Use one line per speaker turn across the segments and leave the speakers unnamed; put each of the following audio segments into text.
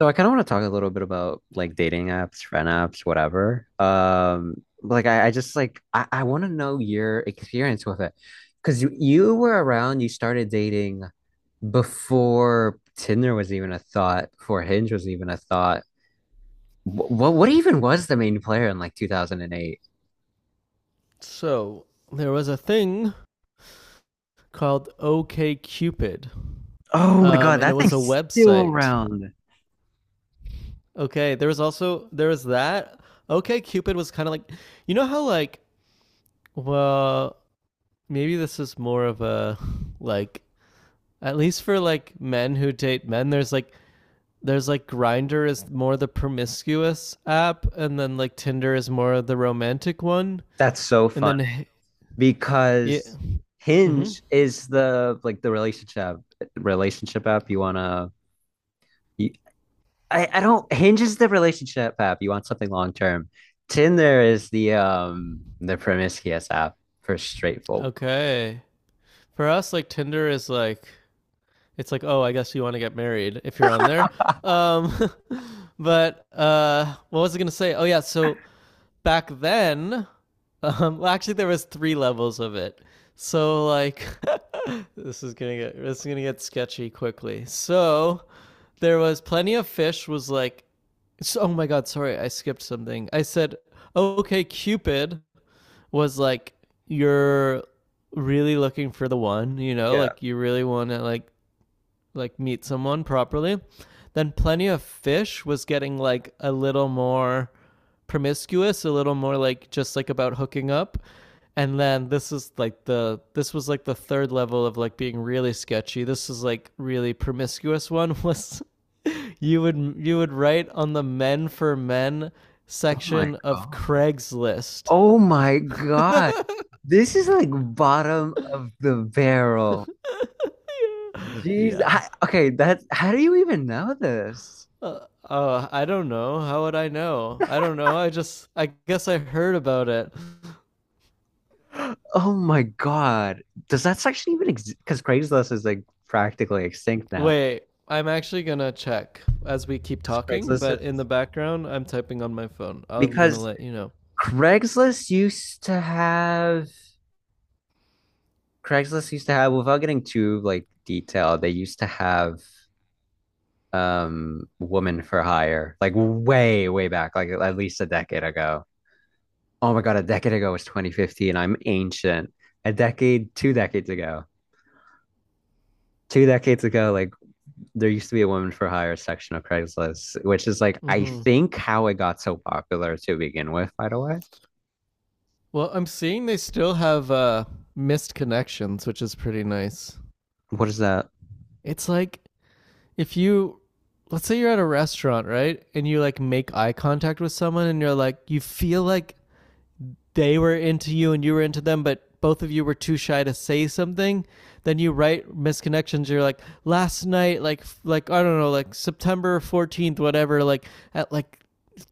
So I kind of want to talk a little bit about like dating apps, friend apps, whatever. Like I just like I want to know your experience with it because you were around, you started dating before Tinder was even a thought, before Hinge was even a thought. What even was the main player in like 2008?
So there was a thing called OKCupid,
Oh my God,
and
that
it
Um,
was a
thing's still
website.
around.
Okay, there was that. OKCupid was kind of like, you know how like, well, maybe this is more of a like, at least for like men who date men. There's like Grindr is more the promiscuous app, and then like Tinder is more the romantic one,
That's so
and
funny
then, yeah,
because
mm-hmm.
Hinge is the like the relationship relationship app you want to. I don't. Hinge is the relationship app. You want something long term. Tinder is the promiscuous app for straight folk.
Okay. For us, like Tinder is like, it's like, oh, I guess you want to get married if you're on there. Um, but what was I gonna say? Oh yeah, so back then, well, actually there was three levels of it. So like, this is gonna get sketchy quickly. So there was plenty of fish. Was like, so, oh my god, sorry, I skipped something. I said, okay, Cupid was like you're really looking for the one, you know,
Yeah.
like you really want to like meet someone properly, then Plenty of Fish was getting like a little more promiscuous, a little more like just like about hooking up. And then this is like the third level of like being really sketchy. This is like really promiscuous one was you would write on the men for men
Oh my
section of
God.
Craigslist.
Oh my God. This is like bottom of the barrel. Jeez.
Yeah.
Okay, that, how do you even know this?
Uh, I don't know. How would I know? I don't know. I guess I heard about it.
Oh my God. Does that section even exist? Because Craigslist is like practically extinct now.
Wait, I'm actually gonna check as we keep
Because
talking,
Craigslist
but in the
is
background, I'm typing on my phone. I'm gonna
because
let you know.
Craigslist used to have Craigslist used to have, without getting too like detailed, they used to have woman for hire, like way back, like at least a decade ago. Oh my God, a decade ago was 2015. I'm ancient. A decade, two decades ago. Two decades ago, like there used to be a woman for hire section of Craigslist, which is like I
hmm
think how it got so popular to begin with, by the way.
Well, I'm seeing they still have missed connections, which is pretty nice.
What is that?
It's like if you, let's say you're at a restaurant, right? And you like make eye contact with someone and you're like, you feel like they were into you and you were into them, but both of you were too shy to say something, then you write misconnections. You're like, last night, like I don't know, like September 14th, whatever. Like at like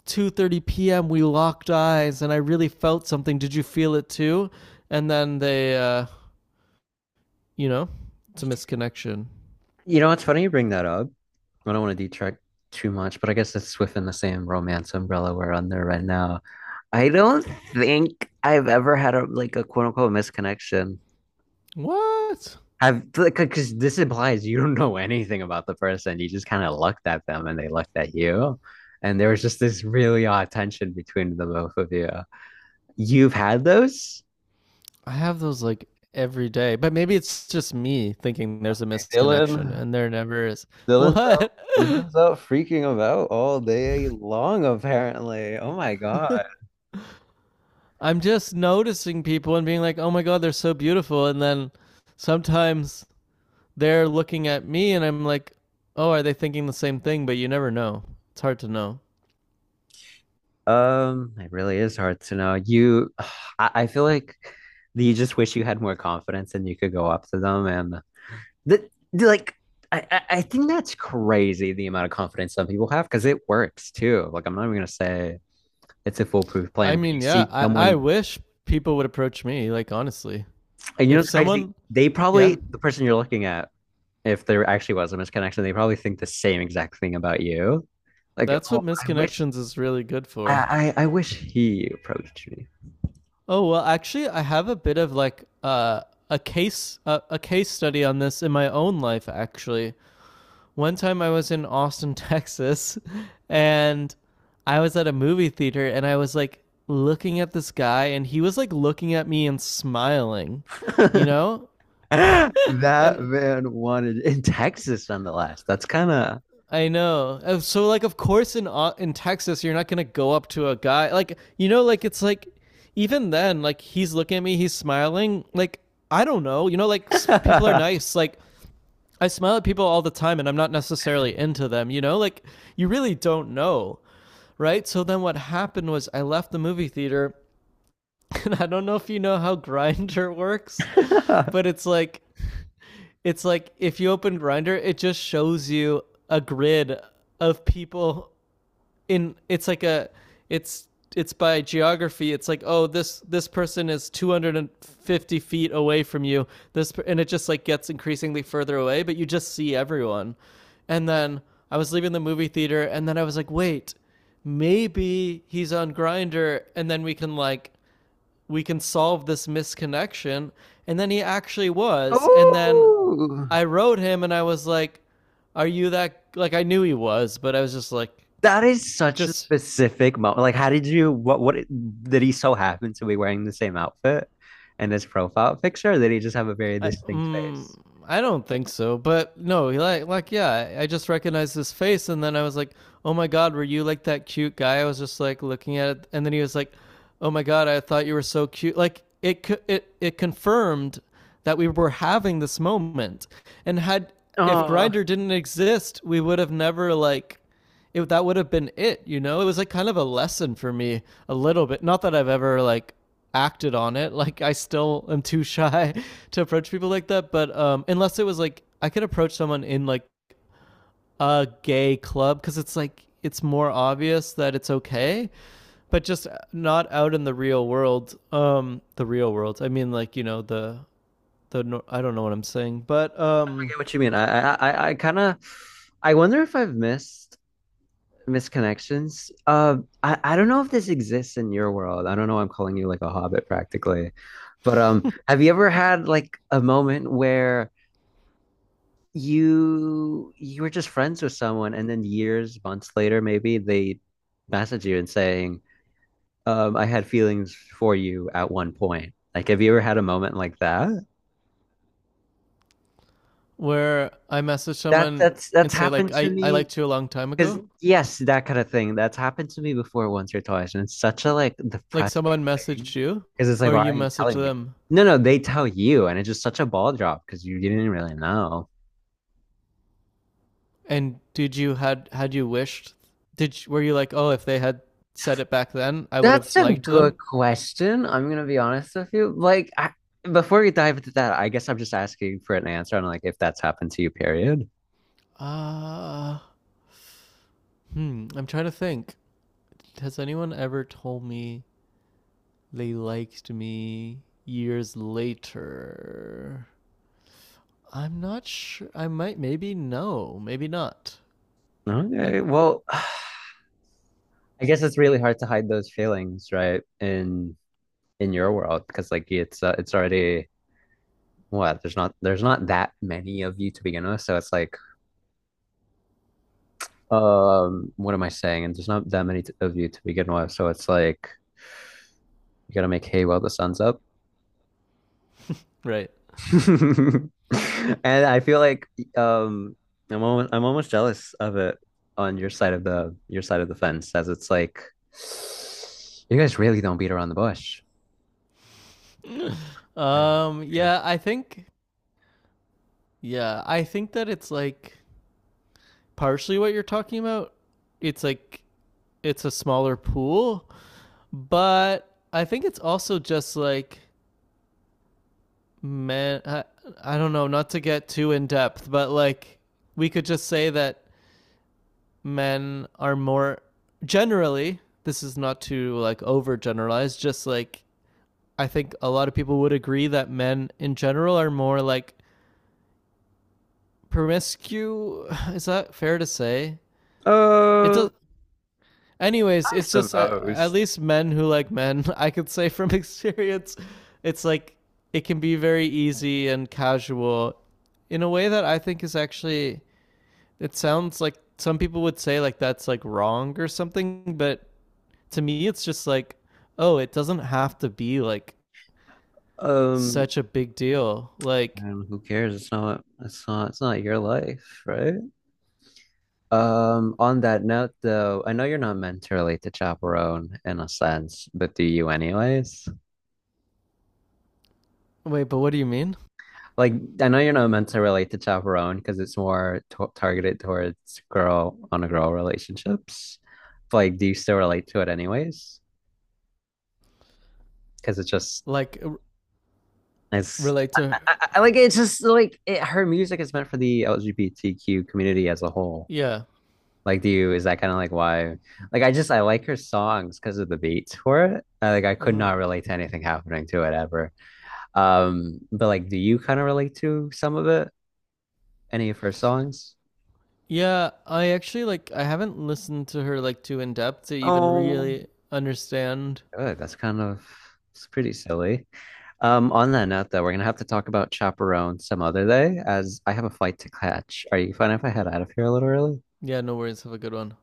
2:30 p.m., we locked eyes, and I really felt something. Did you feel it too? And then you know, it's a misconnection.
You know, it's funny you bring that up. I don't want to detract too much, but I guess it's within the same romance umbrella we're under right now. I don't think I've ever had a like a quote unquote misconnection.
What?
I've like because this implies you don't know anything about the person. You just kind of looked at them and they looked at you. And there was just this really odd tension between the both of you. You've had those?
I have those like every day, but maybe it's just me thinking there's a misconnection,
Dylan,
and there never is.
Dylan's
What?
Dylan's out freaking about all day long, apparently. Oh my God.
I'm just noticing people and being like, oh my God, they're so beautiful. And then sometimes they're looking at me and I'm like, oh, are they thinking the same thing? But you never know. It's hard to know.
It really is hard to know. You, I feel like you just wish you had more confidence and you could go up to them and like I think that's crazy the amount of confidence some people have because it works too. Like I'm not even gonna say it's a foolproof plan
I
where you
mean, yeah,
see
I
someone
wish people would approach me, like, honestly.
and you know
If
it's crazy.
someone,
They
Yeah,
probably, the person you're looking at, if there actually was a misconnection, they probably think the same exact thing about you. Like,
that's what
oh, I wish
misconnections is really good for.
I wish he approached me.
Oh, well, actually, I have a bit of like a case study on this in my own life, actually. One time I was in Austin, Texas, and I was at a movie theater and I was like looking at this guy and he was like looking at me and smiling, you know?
That
And
man wanted in Texas nonetheless. That's kind of
I know. So like of course in Texas you're not going to go up to a guy like you know like it's like even then like he's looking at me, he's smiling. Like I don't know. You know like people are nice. Like I smile at people all the time and I'm not necessarily into them, you know? Like you really don't know. Right? So then what happened was I left the movie theater, and I don't know if you know how Grinder works, but it's like if you open Grinder, it just shows you a grid of people in it's like a it's it's by geography it's like oh this person is 250 feet away from you this and it just like gets increasingly further away but you just see everyone and then I was leaving the movie theater and then I was like wait maybe he's on Grinder and then we can like we can solve this misconnection and then he actually was and then
oh,
I wrote him and I was like are you that like I knew he was but I was just like
that is such a
just
specific moment. Like, how did you, what did he so happen to be wearing the same outfit in his profile picture? Or did he just have a very
I,
distinct
um
face?
I don't think so, but no, like, yeah, I just recognized his face, and then I was like, oh my god, were you like that cute guy? I was just like looking at it, and then he was like, oh my god, I thought you were so cute. Like it confirmed that we were having this moment, and had if
Oh, I
Grinder didn't exist, we would have never like it that would have been it, you know? It was like kind of a lesson for me a little bit. Not that I've ever like acted on it. Like I still am too shy to approach people like that, but unless it was like I could approach someone in like a gay club cuz it's like it's more obvious that it's okay, but just not out in the real world. The real world. I mean like, you know, the the I don't know what I'm saying, but
get what you mean. I kind of, I wonder if I've missed misconnections. I don't know if this exists in your world. I don't know. I'm calling you like a hobbit practically, but have you ever had like a moment where you were just friends with someone, and then years, months later, maybe they message you and saying, I had feelings for you at one point. Like, have you ever had a moment like that?
where I message
That
someone
that's
and
that's
say like
happened to
I
me.
liked you a long time
Because
ago.
yes, that kind of thing. That's happened to me before once or twice, and it's such a like
Like
depressing
someone messaged
thing.
you,
Because it's like,
or
why
you
are you
messaged
telling me?
them,
No, no, they tell you, and it's just such a ball drop because you didn't really know.
and did you had you wished? Were you like, oh, if they had said it back then, I would
That's
have
a
liked them.
good question. I'm gonna be honest with you. Before we dive into that, I guess I'm just asking for an answer on like if that's happened to you, period.
Uh, hmm. I'm trying to think. Has anyone ever told me they liked me years later? I'm not sure. I might, maybe no, maybe not. Uh,
Okay. Well, I guess it's really hard to hide those feelings, right? In your world, because like it's already what, there's not that many of you to begin with, so it's like what am I saying, and there's not that many of you to begin with, so it's like you gotta make hay while the sun's up.
right.
And I feel like um I'm almost jealous of it on your side of the fence, as it's like you guys really don't beat around the bush. I- Really.
Yeah. I think. Yeah. I think that it's like partially what you're talking about. It's like it's a smaller pool, but I think it's also just like men. I don't know, not to get too in depth, but like we could just say that men are more generally. This is not to like over generalize, just like I think a lot of people would agree that men in general are more like promiscuous. Is that fair to say? It
um
does. Anyways,
I
it's just at
suppose.
least men who like men, I could say from experience, it's like it can be very easy and casual in a way that I think is actually it sounds like some people would say like that's like wrong or something, but to me it's just like oh, it doesn't have to be like
um
such a big deal. Like
and who cares, it's not your life, right? On that note, though, I know you're not meant to relate to Chaperone in a sense, but do you anyways?
wait, but what do you mean?
Like, I know you're not meant to relate to Chaperone because it's more to targeted towards girl on a girl relationships. But, like, do you still relate to it anyways? Because it just
Like
it's
relate to
like it's just like it, her music is meant for the LGBTQ community as a whole.
yeah.
Like, do you, is that kind of like why? Like, I like her songs because of the beats for it. Like, I could
Mm-hmm.
not relate to anything happening to it ever. But like, do you kind of relate to some of it? Any of her songs?
Yeah, I actually like I haven't listened to her like too in depth to even
Oh,
really understand.
good. That's kind of, it's pretty silly. On that note, though, we're gonna have to talk about Chaperone some other day as I have a flight to catch. Are you fine if I head out of here a little early?
Yeah, no worries. Have a good one.